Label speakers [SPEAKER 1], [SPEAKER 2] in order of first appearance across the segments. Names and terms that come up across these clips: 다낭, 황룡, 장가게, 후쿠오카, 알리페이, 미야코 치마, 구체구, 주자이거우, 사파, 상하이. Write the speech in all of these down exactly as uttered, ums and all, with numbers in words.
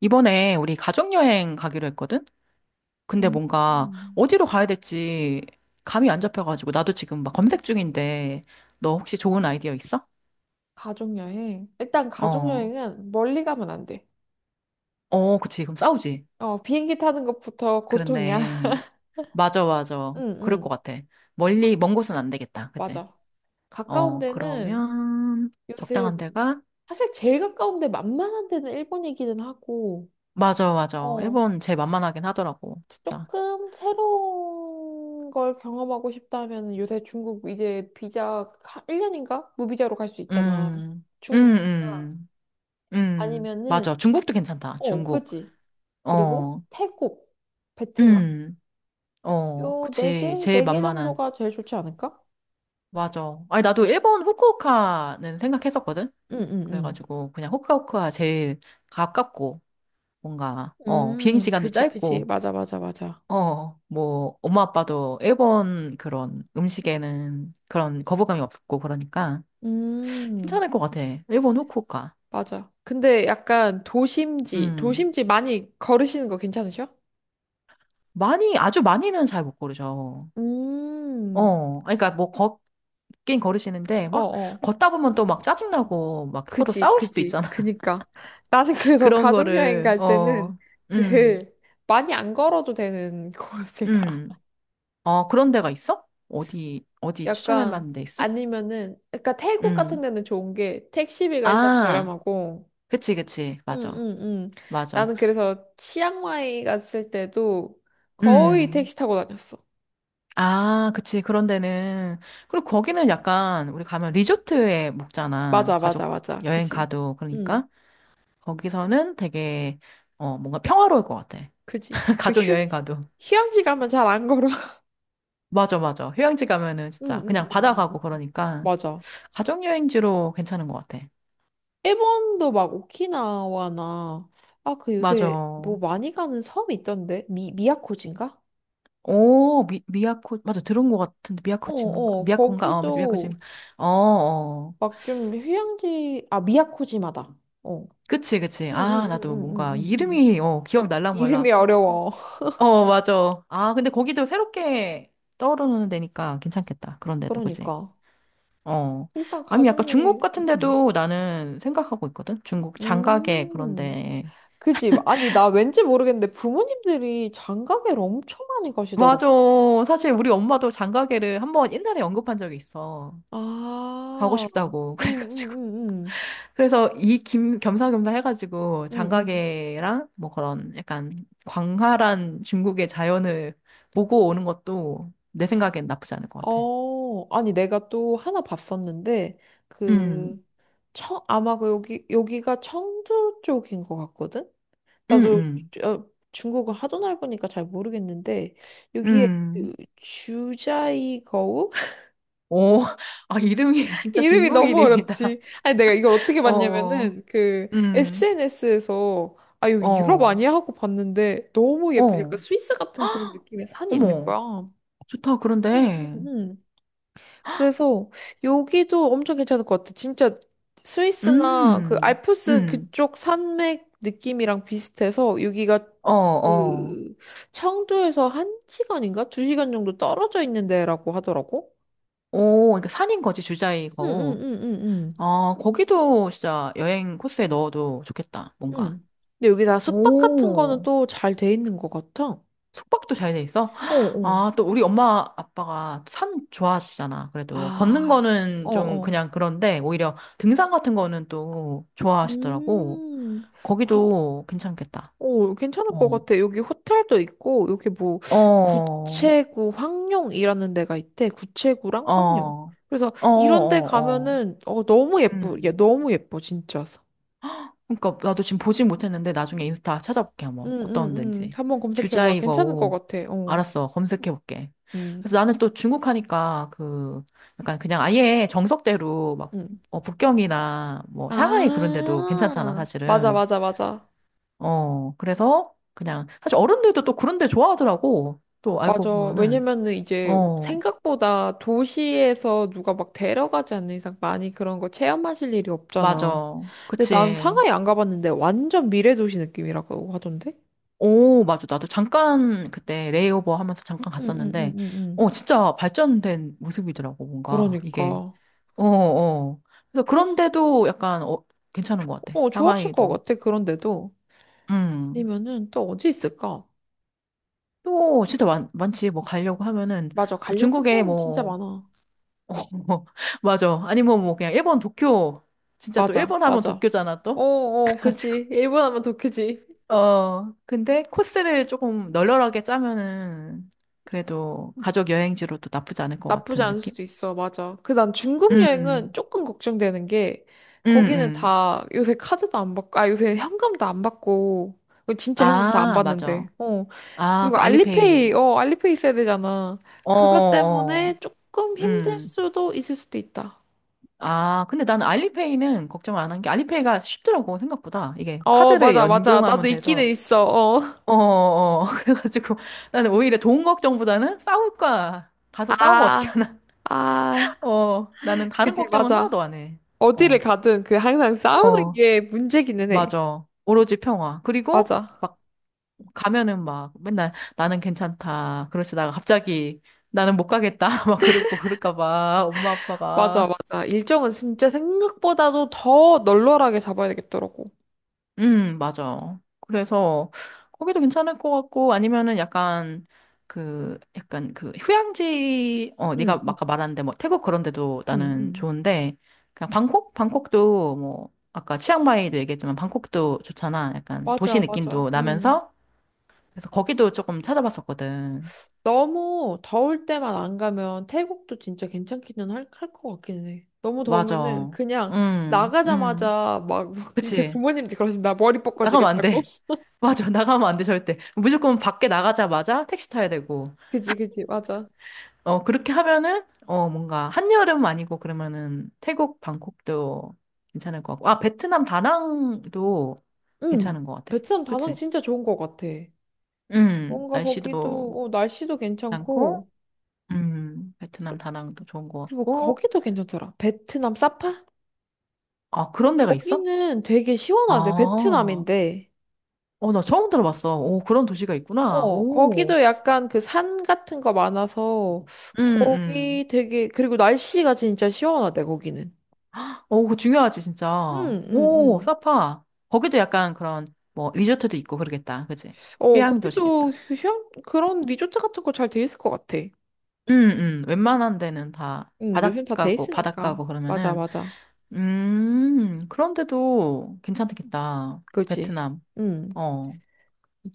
[SPEAKER 1] 이번에 우리 가족여행 가기로 했거든? 근데
[SPEAKER 2] 음.
[SPEAKER 1] 뭔가
[SPEAKER 2] 음.
[SPEAKER 1] 어디로 가야 될지 감이 안 잡혀가지고 나도 지금 막 검색 중인데, 너 혹시 좋은 아이디어 있어?
[SPEAKER 2] 가족여행. 일단
[SPEAKER 1] 어,
[SPEAKER 2] 가족여행은 멀리 가면 안 돼.
[SPEAKER 1] 어, 그치. 그럼 싸우지.
[SPEAKER 2] 어, 비행기 타는 것부터 고통이야.
[SPEAKER 1] 그렇네. 맞아, 맞아.
[SPEAKER 2] 응,
[SPEAKER 1] 그럴 것
[SPEAKER 2] 응,
[SPEAKER 1] 같아. 멀리, 먼 곳은 안 되겠다. 그치?
[SPEAKER 2] 맞아. 가까운
[SPEAKER 1] 어,
[SPEAKER 2] 데는
[SPEAKER 1] 그러면
[SPEAKER 2] 요새,
[SPEAKER 1] 적당한 데가?
[SPEAKER 2] 사실 제일 가까운 데 만만한 데는 일본이기는 하고,
[SPEAKER 1] 맞아, 맞아.
[SPEAKER 2] 어,
[SPEAKER 1] 일본 제일 만만하긴 하더라고. 진짜.
[SPEAKER 2] 조금 새로운 걸 경험하고 싶다면 요새 중국 이제 비자 일 년인가? 무비자로 갈 수 있잖아.
[SPEAKER 1] 음,
[SPEAKER 2] 중국
[SPEAKER 1] 음, 음, 음.
[SPEAKER 2] 아니면은,
[SPEAKER 1] 맞아. 중국도 괜찮다.
[SPEAKER 2] 어,
[SPEAKER 1] 중국.
[SPEAKER 2] 그치. 그리고
[SPEAKER 1] 어,
[SPEAKER 2] 태국, 베트남.
[SPEAKER 1] 음. 어,
[SPEAKER 2] 요 네 개?
[SPEAKER 1] 그치. 제일
[SPEAKER 2] 네 개
[SPEAKER 1] 만만한.
[SPEAKER 2] 정도가 제일 좋지 않을까?
[SPEAKER 1] 맞아. 아니, 나도 일본 후쿠오카는 생각했었거든?
[SPEAKER 2] 응, 응,
[SPEAKER 1] 그래가지고, 그냥 후쿠오카 제일 가깝고, 뭔가, 어,
[SPEAKER 2] 응. 음,
[SPEAKER 1] 비행시간도
[SPEAKER 2] 그지, 그지.
[SPEAKER 1] 짧고,
[SPEAKER 2] 맞아, 맞아, 맞아.
[SPEAKER 1] 어, 뭐, 엄마 아빠도 일본 그런 음식에는 그런 거부감이 없고, 그러니까,
[SPEAKER 2] 음,
[SPEAKER 1] 괜찮을 것 같아. 일본 후쿠오카.
[SPEAKER 2] 맞아. 근데 약간 도심지,
[SPEAKER 1] 음.
[SPEAKER 2] 도심지 많이 걸으시는 거 괜찮으셔?
[SPEAKER 1] 많이, 아주 많이는 잘 못 고르죠.
[SPEAKER 2] 음,
[SPEAKER 1] 어, 그러니까 뭐, 걷긴 걸으시는데,
[SPEAKER 2] 어,
[SPEAKER 1] 막,
[SPEAKER 2] 어.
[SPEAKER 1] 걷다 보면 또 막 짜증나고, 막 서로
[SPEAKER 2] 그지,
[SPEAKER 1] 싸울 수도
[SPEAKER 2] 그지.
[SPEAKER 1] 있잖아.
[SPEAKER 2] 그니까. 나는 그래서
[SPEAKER 1] 그런
[SPEAKER 2] 가족여행
[SPEAKER 1] 거를,
[SPEAKER 2] 갈 때는
[SPEAKER 1] 어, 음,
[SPEAKER 2] 늘 많이 안 걸어도 되는 곳을 가.
[SPEAKER 1] 음. 어, 그런 데가 있어? 어디, 어디 추천할
[SPEAKER 2] 약간,
[SPEAKER 1] 만한 데 있어?
[SPEAKER 2] 아니면은, 그러니까 태국 같은
[SPEAKER 1] 음.
[SPEAKER 2] 데는 좋은 게 택시비가 일단
[SPEAKER 1] 아,
[SPEAKER 2] 저렴하고,
[SPEAKER 1] 그치, 그치. 맞아.
[SPEAKER 2] 응응응.
[SPEAKER 1] 맞아.
[SPEAKER 2] 나는 그래서 치앙마이 갔을 때도 거의
[SPEAKER 1] 음.
[SPEAKER 2] 택시 타고 다녔어.
[SPEAKER 1] 아, 그치. 그런 데는. 그리고 거기는 약간, 우리 가면 리조트에 묵잖아.
[SPEAKER 2] 맞아, 맞아,
[SPEAKER 1] 가족
[SPEAKER 2] 맞아.
[SPEAKER 1] 여행
[SPEAKER 2] 그지?
[SPEAKER 1] 가도.
[SPEAKER 2] 응,
[SPEAKER 1] 그러니까. 거기서는 되게, 어, 뭔가 평화로울 것 같아.
[SPEAKER 2] 그지. 그리고
[SPEAKER 1] 가족
[SPEAKER 2] 휴,
[SPEAKER 1] 여행 가도.
[SPEAKER 2] 휴양지 가면 잘 안 걸어.
[SPEAKER 1] 맞아, 맞아. 휴양지 가면은 진짜
[SPEAKER 2] 응응응응.
[SPEAKER 1] 그냥
[SPEAKER 2] 응 응,
[SPEAKER 1] 바다
[SPEAKER 2] 응.
[SPEAKER 1] 가고
[SPEAKER 2] 응.
[SPEAKER 1] 그러니까.
[SPEAKER 2] 맞아.
[SPEAKER 1] 가족 여행지로 괜찮은 것 같아.
[SPEAKER 2] 일본도 막 오키나와나 아 그
[SPEAKER 1] 맞아.
[SPEAKER 2] 요새 뭐 많이 가는 섬이 있던데 미 미야코지인가?
[SPEAKER 1] 오, 미, 미야코, 맞아. 들은 것 같은데, 미야코 치마인가?
[SPEAKER 2] 어어
[SPEAKER 1] 미야코인가? 어, 맞아. 미야코
[SPEAKER 2] 거기도
[SPEAKER 1] 치마. 어, 어.
[SPEAKER 2] 막 좀 휴양지 아 미야코지마다. 어.
[SPEAKER 1] 그치, 그치. 아, 나도 뭔가
[SPEAKER 2] 응응응응응응.
[SPEAKER 1] 이름이, 어, 기억
[SPEAKER 2] 이름이
[SPEAKER 1] 날랑말랑.
[SPEAKER 2] 어려워.
[SPEAKER 1] 어, 맞아. 아, 근데 거기도 새롭게 떠오르는 데니까 괜찮겠다. 그런데도, 그치?
[SPEAKER 2] 그러니까.
[SPEAKER 1] 어.
[SPEAKER 2] 일단
[SPEAKER 1] 아니, 약간
[SPEAKER 2] 가족여행.
[SPEAKER 1] 중국 같은
[SPEAKER 2] 음.
[SPEAKER 1] 데도 나는 생각하고 있거든? 중국 장가게,
[SPEAKER 2] 음.
[SPEAKER 1] 그런데.
[SPEAKER 2] 그지? 아니, 나 왠지 모르겠는데 부모님들이 장가계를 엄청 많이 가시더라고.
[SPEAKER 1] 맞아. 사실 우리 엄마도 장가게를 한번 옛날에 언급한 적이 있어. 가고
[SPEAKER 2] 아,
[SPEAKER 1] 싶다고.
[SPEAKER 2] 음, 음,
[SPEAKER 1] 그래가지고.
[SPEAKER 2] 음, 음,
[SPEAKER 1] 그래서 이 김, 겸사겸사 해가지고
[SPEAKER 2] 음, 음.
[SPEAKER 1] 장가계랑 뭐 그런 약간 광활한 중국의 자연을 보고 오는 것도 내 생각엔 나쁘지 않을 것 같아.
[SPEAKER 2] 어, 아니, 내가 또 하나 봤었는데,
[SPEAKER 1] 음,
[SPEAKER 2] 그, 청, 아마 그 여기, 여기가 청주 쪽인 것 같거든?
[SPEAKER 1] 음,
[SPEAKER 2] 나도
[SPEAKER 1] 음,
[SPEAKER 2] 어, 중국어 하도 넓으니까 잘 모르겠는데, 여기에 그
[SPEAKER 1] 음.
[SPEAKER 2] 주자이거우?
[SPEAKER 1] 오, 아, 이름이 진짜
[SPEAKER 2] 이름이
[SPEAKER 1] 중국
[SPEAKER 2] 너무
[SPEAKER 1] 이름이다.
[SPEAKER 2] 어렵지. 아니, 내가 이걸 어떻게
[SPEAKER 1] 어,
[SPEAKER 2] 봤냐면은, 그,
[SPEAKER 1] 음,
[SPEAKER 2] 에스엔에스에서, 아, 여기 유럽
[SPEAKER 1] 어,
[SPEAKER 2] 아니야? 하고 봤는데, 너무 예쁘니까
[SPEAKER 1] 어,
[SPEAKER 2] 스위스 같은 그런 느낌의 산이 있는 거야.
[SPEAKER 1] 어머,
[SPEAKER 2] 응,
[SPEAKER 1] 좋다,
[SPEAKER 2] 응,
[SPEAKER 1] 그런데.
[SPEAKER 2] 응. 그래서, 여기도 엄청 괜찮을 것 같아. 진짜, 스위스나 그
[SPEAKER 1] 음,
[SPEAKER 2] 알프스
[SPEAKER 1] 음,
[SPEAKER 2] 그쪽 산맥 느낌이랑 비슷해서, 여기가
[SPEAKER 1] 어, 어.
[SPEAKER 2] 그, 청두에서 한 시간인가? 두 시간 정도 떨어져 있는 데라고 하더라고.
[SPEAKER 1] 오, 그러니까 산인 거지,
[SPEAKER 2] 응, 응,
[SPEAKER 1] 주자이고.
[SPEAKER 2] 응, 응,
[SPEAKER 1] 아, 거기도 진짜 여행 코스에 넣어도 좋겠다, 뭔가.
[SPEAKER 2] 응. 근데 여기 다 숙박 같은 거는
[SPEAKER 1] 오,
[SPEAKER 2] 또 잘 돼 있는 것 같아.
[SPEAKER 1] 숙박도 잘 돼 있어?
[SPEAKER 2] 어, 어.
[SPEAKER 1] 아, 또 우리 엄마 아빠가 산 좋아하시잖아, 그래도. 걷는
[SPEAKER 2] 아, 어,
[SPEAKER 1] 거는 좀
[SPEAKER 2] 어.
[SPEAKER 1] 그냥 그런데, 오히려 등산 같은 거는 또 좋아하시더라고.
[SPEAKER 2] 음, 그럼,
[SPEAKER 1] 거기도 괜찮겠다.
[SPEAKER 2] 오, 괜찮을 것
[SPEAKER 1] 어,
[SPEAKER 2] 같아. 여기 호텔도 있고, 여기 뭐,
[SPEAKER 1] 어, 어,
[SPEAKER 2] 구체구 황룡이라는 데가 있대. 구체구랑
[SPEAKER 1] 어,
[SPEAKER 2] 황룡. 그래서
[SPEAKER 1] 어,
[SPEAKER 2] 이런 데
[SPEAKER 1] 어.
[SPEAKER 2] 가면은, 어, 너무 예쁘, 야,
[SPEAKER 1] 음.
[SPEAKER 2] 너무 예뻐, 진짜.
[SPEAKER 1] 그러니까 나도 지금 보진 못했는데 나중에 인스타 찾아볼게,
[SPEAKER 2] 응,
[SPEAKER 1] 한번
[SPEAKER 2] 응,
[SPEAKER 1] 어떤
[SPEAKER 2] 응.
[SPEAKER 1] 데인지.
[SPEAKER 2] 한번 검색해봐. 괜찮을 것
[SPEAKER 1] 주자이거우.
[SPEAKER 2] 같아. 어,
[SPEAKER 1] 알았어, 검색해볼게.
[SPEAKER 2] 응
[SPEAKER 1] 그래서 나는 또 중국 하니까, 그 약간 그냥 아예 정석대로 막
[SPEAKER 2] 응
[SPEAKER 1] 어, 북경이나 뭐 샹하이 그런 데도 괜찮잖아,
[SPEAKER 2] 아, 맞아,
[SPEAKER 1] 사실은.
[SPEAKER 2] 맞아, 맞아.
[SPEAKER 1] 어 그래서 그냥 사실 어른들도 또 그런 데 좋아하더라고, 또 알고
[SPEAKER 2] 맞아.
[SPEAKER 1] 보면은.
[SPEAKER 2] 왜냐면은 이제
[SPEAKER 1] 어,
[SPEAKER 2] 생각보다 도시에서 누가 막 데려가지 않는 이상 많이 그런 거 체험하실 일이 없잖아.
[SPEAKER 1] 맞아.
[SPEAKER 2] 근데 난
[SPEAKER 1] 그치.
[SPEAKER 2] 상하이 안 가봤는데 완전 미래 도시 느낌이라고 하던데?
[SPEAKER 1] 오, 맞아. 나도 잠깐 그때 레이오버 하면서 잠깐
[SPEAKER 2] 응, 응, 응,
[SPEAKER 1] 갔었는데,
[SPEAKER 2] 응, 응.
[SPEAKER 1] 어, 진짜 발전된 모습이더라고, 뭔가. 이게.
[SPEAKER 2] 그러니까.
[SPEAKER 1] 어, 어. 그래서
[SPEAKER 2] 그래서,
[SPEAKER 1] 그런데도 약간, 어, 괜찮은 것 같아.
[SPEAKER 2] 어, 좋아하실 것
[SPEAKER 1] 상하이도.
[SPEAKER 2] 같아. 그런데도.
[SPEAKER 1] 음.
[SPEAKER 2] 아니면은 또 어디 있을까?
[SPEAKER 1] 또, 진짜 많, 많지. 뭐, 가려고 하면은,
[SPEAKER 2] 맞아.
[SPEAKER 1] 그
[SPEAKER 2] 가려고
[SPEAKER 1] 중국에
[SPEAKER 2] 하면 진짜
[SPEAKER 1] 뭐,
[SPEAKER 2] 많아.
[SPEAKER 1] 어, 뭐, 맞아. 아니면 뭐, 뭐 그냥 일본 도쿄. 진짜 또
[SPEAKER 2] 맞아,
[SPEAKER 1] 일본 하면
[SPEAKER 2] 맞아.
[SPEAKER 1] 도쿄잖아,
[SPEAKER 2] 어,
[SPEAKER 1] 또?
[SPEAKER 2] 어,
[SPEAKER 1] 그래가지고.
[SPEAKER 2] 그치. 일본 하면 더 크지.
[SPEAKER 1] 어, 근데 코스를 조금 널널하게 짜면은 그래도 가족 여행지로도 나쁘지 않을 것
[SPEAKER 2] 나쁘지
[SPEAKER 1] 같은
[SPEAKER 2] 않을
[SPEAKER 1] 느낌?
[SPEAKER 2] 수도 있어. 맞아. 그 난 중국 여행은
[SPEAKER 1] 음,
[SPEAKER 2] 조금 걱정되는 게
[SPEAKER 1] 음,
[SPEAKER 2] 거기는
[SPEAKER 1] 음.
[SPEAKER 2] 다 요새 카드도 안 받고 아 요새 현금도 안 받고 이거 진짜 현금 다 안
[SPEAKER 1] 아,
[SPEAKER 2] 받는데.
[SPEAKER 1] 맞아.
[SPEAKER 2] 어.
[SPEAKER 1] 아,
[SPEAKER 2] 그리고
[SPEAKER 1] 그
[SPEAKER 2] 알리페이
[SPEAKER 1] 알리페이.
[SPEAKER 2] 어 알리페이 있어야 되잖아.
[SPEAKER 1] 어,
[SPEAKER 2] 그것 때문에
[SPEAKER 1] 어,
[SPEAKER 2] 조금 힘들
[SPEAKER 1] 음.
[SPEAKER 2] 수도 있을 수도 있다.
[SPEAKER 1] 아, 근데 나는 알리페이는 걱정 안 한 게 알리페이가 쉽더라고, 생각보다. 이게
[SPEAKER 2] 어
[SPEAKER 1] 카드를
[SPEAKER 2] 맞아 맞아. 나도
[SPEAKER 1] 연동하면
[SPEAKER 2] 있기는
[SPEAKER 1] 돼서.
[SPEAKER 2] 있어. 어.
[SPEAKER 1] 어, 어, 어. 그래가지고 나는 오히려 돈 걱정보다는 싸울까. 가서 싸우면 어떻게
[SPEAKER 2] 아.
[SPEAKER 1] 하나.
[SPEAKER 2] 아.
[SPEAKER 1] 어, 나는 다른
[SPEAKER 2] 그지
[SPEAKER 1] 걱정은
[SPEAKER 2] 맞아.
[SPEAKER 1] 하나도 안 해.
[SPEAKER 2] 어디를
[SPEAKER 1] 어.
[SPEAKER 2] 가든 그 항상 싸우는
[SPEAKER 1] 어.
[SPEAKER 2] 게 문제기는 해.
[SPEAKER 1] 맞아. 오로지 평화. 그리고
[SPEAKER 2] 맞아.
[SPEAKER 1] 막 가면은 막 맨날 나는 괜찮다. 그러시다가 갑자기 나는 못 가겠다. 막 그러고 그럴까 봐. 엄마
[SPEAKER 2] 맞아,
[SPEAKER 1] 아빠가.
[SPEAKER 2] 맞아. 일정은 진짜 생각보다도 더 널널하게 잡아야 되겠더라고.
[SPEAKER 1] 음, 맞아. 그래서 거기도 괜찮을 것 같고, 아니면은 약간 그 약간 그 휴양지, 어,
[SPEAKER 2] 응,
[SPEAKER 1] 네가
[SPEAKER 2] 응,
[SPEAKER 1] 아까 말한데 뭐 태국 그런 데도
[SPEAKER 2] 응,
[SPEAKER 1] 나는
[SPEAKER 2] 응.
[SPEAKER 1] 좋은데, 그냥 방콕? 방콕도 뭐 아까 치앙마이도 얘기했지만 방콕도 좋잖아. 약간 도시
[SPEAKER 2] 맞아, 맞아.
[SPEAKER 1] 느낌도
[SPEAKER 2] 응
[SPEAKER 1] 나면서. 그래서 거기도 조금 찾아봤었거든.
[SPEAKER 2] 너무 더울 때만 안 가면 태국도 진짜 괜찮기는 할, 할 것 같긴 해. 너무 더우면은
[SPEAKER 1] 맞아.
[SPEAKER 2] 그냥
[SPEAKER 1] 응, 응.
[SPEAKER 2] 나가자마자 막, 막 이제
[SPEAKER 1] 그치.
[SPEAKER 2] 부모님들 그러신다. 머리 벗겨지
[SPEAKER 1] 나가면
[SPEAKER 2] 겠
[SPEAKER 1] 안
[SPEAKER 2] 다고
[SPEAKER 1] 돼. 맞아. 나가면 안 돼, 절대. 무조건 밖에 나가자마자 택시 타야 되고.
[SPEAKER 2] 그지, 그지. 맞아.
[SPEAKER 1] 어, 그렇게 하면은, 어, 뭔가, 한여름 아니고 그러면은 태국, 방콕도 괜찮을 것 같고. 아, 베트남 다낭도
[SPEAKER 2] 응
[SPEAKER 1] 괜찮은 것 같아.
[SPEAKER 2] 베트남 다낭
[SPEAKER 1] 그치?
[SPEAKER 2] 진짜 좋은 것 같아.
[SPEAKER 1] 음,
[SPEAKER 2] 뭔가 거기도
[SPEAKER 1] 날씨도
[SPEAKER 2] 어, 날씨도 괜찮고
[SPEAKER 1] 괜찮고, 음, 베트남 다낭도 좋은 것
[SPEAKER 2] 그리고
[SPEAKER 1] 같고.
[SPEAKER 2] 거기도 괜찮더라. 베트남 사파?
[SPEAKER 1] 아, 그런 데가 있어?
[SPEAKER 2] 거기는 되게 시원하대,
[SPEAKER 1] 아,
[SPEAKER 2] 베트남인데.
[SPEAKER 1] 어, 나 처음 들어봤어. 오, 그런 도시가 있구나.
[SPEAKER 2] 어,
[SPEAKER 1] 오,
[SPEAKER 2] 거기도 약간 그 산 같은 거 많아서,
[SPEAKER 1] 음, 음.
[SPEAKER 2] 거기 되게, 그리고 날씨가 진짜 시원하대, 거기는.
[SPEAKER 1] 오, 그거 중요하지,
[SPEAKER 2] 응,
[SPEAKER 1] 진짜.
[SPEAKER 2] 응,
[SPEAKER 1] 오,
[SPEAKER 2] 응.
[SPEAKER 1] 사파. 거기도 약간 그런, 뭐, 리조트도 있고 그러겠다. 그지?
[SPEAKER 2] 어,
[SPEAKER 1] 휴양
[SPEAKER 2] 거기도
[SPEAKER 1] 도시겠다.
[SPEAKER 2] 휴양, 그런 리조트 같은 거 잘 돼 있을 것 같아.
[SPEAKER 1] 음, 음. 웬만한 데는 다
[SPEAKER 2] 응, 요즘 다 돼
[SPEAKER 1] 바닷가고, 바닷가고
[SPEAKER 2] 있으니까. 맞아,
[SPEAKER 1] 그러면은,
[SPEAKER 2] 맞아.
[SPEAKER 1] 음, 그런데도 괜찮겠다.
[SPEAKER 2] 그지?
[SPEAKER 1] 베트남.
[SPEAKER 2] 응.
[SPEAKER 1] 어,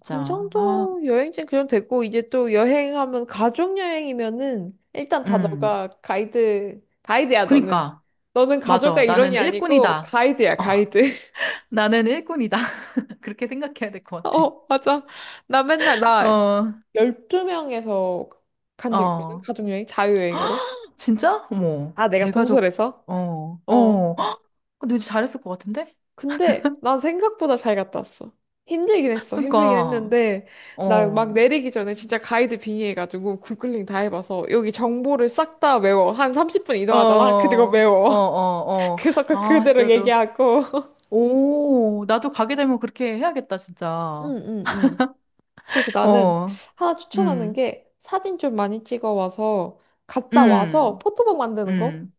[SPEAKER 2] 그
[SPEAKER 1] 아,
[SPEAKER 2] 정도 여행지는 그 정도 됐고 이제 또 여행하면 가족 여행이면은 일단 다
[SPEAKER 1] 음.
[SPEAKER 2] 너가 가이드 가이드야 너는
[SPEAKER 1] 그니까.
[SPEAKER 2] 너는 가족과
[SPEAKER 1] 맞아. 나는
[SPEAKER 2] 일원이 아니고
[SPEAKER 1] 일꾼이다.
[SPEAKER 2] 가이드야 가이드
[SPEAKER 1] 나는 일꾼이다. 그렇게 생각해야 될 것 같아.
[SPEAKER 2] 어 맞아 나 맨날 나
[SPEAKER 1] 어,
[SPEAKER 2] 열두 명에서 간 적 있거든
[SPEAKER 1] 어.
[SPEAKER 2] 가족 여행 자유여행으로
[SPEAKER 1] 진짜? 어머,
[SPEAKER 2] 아 내가
[SPEAKER 1] 대가족.
[SPEAKER 2] 동설에서
[SPEAKER 1] 어,
[SPEAKER 2] 어
[SPEAKER 1] 어. 헉, 근데 왠지 잘했을 것 같은데?
[SPEAKER 2] 근데 난 생각보다 잘 갔다 왔어. 힘들긴 했어. 힘들긴
[SPEAKER 1] 그니까,
[SPEAKER 2] 했는데
[SPEAKER 1] 어,
[SPEAKER 2] 나 막
[SPEAKER 1] 어,
[SPEAKER 2] 내리기 전에 진짜 가이드 빙의해가지고 구글링 다 해봐서 여기 정보를 싹 다 외워. 한 삼십 분
[SPEAKER 1] 어,
[SPEAKER 2] 이동하잖아. 그리고
[SPEAKER 1] 어,
[SPEAKER 2] 외워.
[SPEAKER 1] 어.
[SPEAKER 2] 그래서 그
[SPEAKER 1] 아, 진짜
[SPEAKER 2] 그대로
[SPEAKER 1] 나도,
[SPEAKER 2] 얘기하고.
[SPEAKER 1] 오, 나도 가게 되면 그렇게 해야겠다,
[SPEAKER 2] 응,
[SPEAKER 1] 진짜.
[SPEAKER 2] 응, 응. 그리고 나는
[SPEAKER 1] 어,
[SPEAKER 2] 하나 추천하는
[SPEAKER 1] 음,
[SPEAKER 2] 게 사진 좀 많이 찍어 와서 갔다 와서
[SPEAKER 1] 음,
[SPEAKER 2] 포토북 만드는 거?
[SPEAKER 1] 음.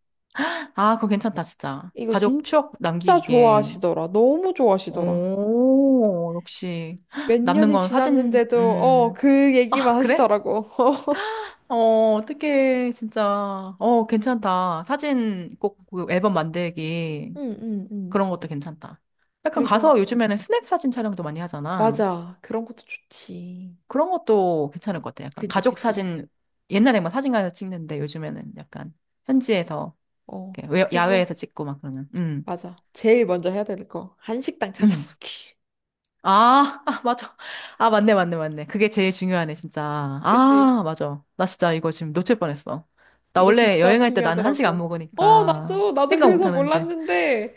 [SPEAKER 1] 아, 그거 괜찮다, 진짜.
[SPEAKER 2] 이거
[SPEAKER 1] 가족 추억
[SPEAKER 2] 진짜
[SPEAKER 1] 남기기에.
[SPEAKER 2] 좋아하시더라. 너무 좋아하시더라.
[SPEAKER 1] 오, 역시.
[SPEAKER 2] 몇
[SPEAKER 1] 남는
[SPEAKER 2] 년이
[SPEAKER 1] 건 사진.
[SPEAKER 2] 지났는데도 어,
[SPEAKER 1] 음.
[SPEAKER 2] 그 얘기만
[SPEAKER 1] 아, 그래?
[SPEAKER 2] 하시더라고.
[SPEAKER 1] 어, 어떻게, 진짜. 어, 괜찮다. 사진 꼭그 앨범 만들기.
[SPEAKER 2] 응, 응, 응.
[SPEAKER 1] 그런 것도 괜찮다. 약간 가서
[SPEAKER 2] 그리고,
[SPEAKER 1] 요즘에는 스냅 사진 촬영도 많이 하잖아.
[SPEAKER 2] 맞아. 그런 것도 좋지.
[SPEAKER 1] 그런 것도 괜찮을 것 같아. 약간
[SPEAKER 2] 그지,
[SPEAKER 1] 가족
[SPEAKER 2] 그지.
[SPEAKER 1] 사진, 옛날에 뭐 사진관에서 찍는데 요즘에는 약간 현지에서,
[SPEAKER 2] 어.
[SPEAKER 1] 이렇게 외- 야외에서
[SPEAKER 2] 그리고,
[SPEAKER 1] 찍고 막 그러면. 음,
[SPEAKER 2] 맞아. 제일 먼저 해야 될 거. 한식당
[SPEAKER 1] 음.
[SPEAKER 2] 찾아보기.
[SPEAKER 1] 아, 아, 맞아. 아, 맞네, 맞네, 맞네. 그게 제일 중요하네, 진짜.
[SPEAKER 2] 그지?
[SPEAKER 1] 아, 맞아. 나 진짜 이거 지금 놓칠 뻔했어. 나
[SPEAKER 2] 이거
[SPEAKER 1] 원래
[SPEAKER 2] 진짜
[SPEAKER 1] 여행할 때 나는 한식 안
[SPEAKER 2] 중요하더라고. 어,
[SPEAKER 1] 먹으니까
[SPEAKER 2] 나도, 나도
[SPEAKER 1] 생각 못
[SPEAKER 2] 그래서
[SPEAKER 1] 하는데.
[SPEAKER 2] 몰랐는데,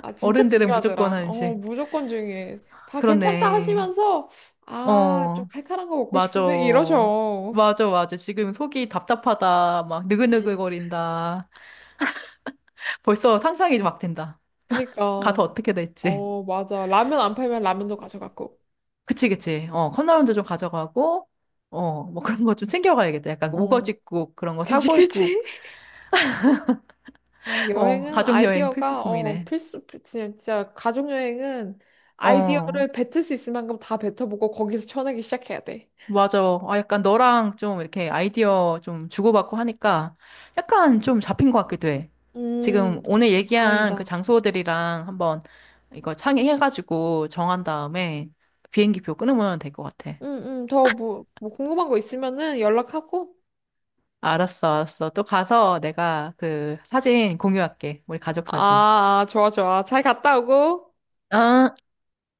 [SPEAKER 2] 아, 진짜
[SPEAKER 1] 어른들은 무조건
[SPEAKER 2] 중요하더라. 어,
[SPEAKER 1] 한식.
[SPEAKER 2] 무조건 중요해. 다 괜찮다
[SPEAKER 1] 그렇네.
[SPEAKER 2] 하시면서, 아, 좀
[SPEAKER 1] 어,
[SPEAKER 2] 칼칼한 거 먹고
[SPEAKER 1] 맞아.
[SPEAKER 2] 싶은데? 이러셔.
[SPEAKER 1] 맞아, 맞아. 지금 속이 답답하다. 막
[SPEAKER 2] 그치.
[SPEAKER 1] 느글느글거린다. 벌써 상상이 막 된다. 가서
[SPEAKER 2] 그니까,
[SPEAKER 1] 어떻게 될지.
[SPEAKER 2] 어, 맞아. 라면 안 팔면 라면도 가져갔고.
[SPEAKER 1] 그치, 그치. 어, 컵라면도 좀 가져가고, 어, 뭐 그런 거 좀 챙겨가야겠다. 약간
[SPEAKER 2] 어,
[SPEAKER 1] 우거지국 그런 거
[SPEAKER 2] 그치,
[SPEAKER 1] 사골국.
[SPEAKER 2] 그치. 아,
[SPEAKER 1] 어,
[SPEAKER 2] 여행은
[SPEAKER 1] 가족여행
[SPEAKER 2] 아이디어가 어
[SPEAKER 1] 필수품이네.
[SPEAKER 2] 필수 필- 진짜, 진짜 가족 여행은
[SPEAKER 1] 어.
[SPEAKER 2] 아이디어를 뱉을 수 있을 만큼 다 뱉어보고 거기서 쳐내기 시작해야 돼.
[SPEAKER 1] 맞아. 아, 약간 너랑 좀 이렇게 아이디어 좀 주고받고 하니까 약간 좀 잡힌 것 같기도 해. 지금
[SPEAKER 2] 음,
[SPEAKER 1] 오늘 얘기한 그
[SPEAKER 2] 다행이다.
[SPEAKER 1] 장소들이랑 한번 이거 창의해가지고 정한 다음에 비행기표 끊으면 될 것 같아.
[SPEAKER 2] 음, 음, 더 뭐, 뭐 궁금한 거 있으면은 연락하고.
[SPEAKER 1] 알았어, 알았어. 또 가서 내가 그 사진 공유할게. 우리 가족 사진.
[SPEAKER 2] 아, 아, 좋아, 좋아. 잘 갔다 오고.
[SPEAKER 1] 아.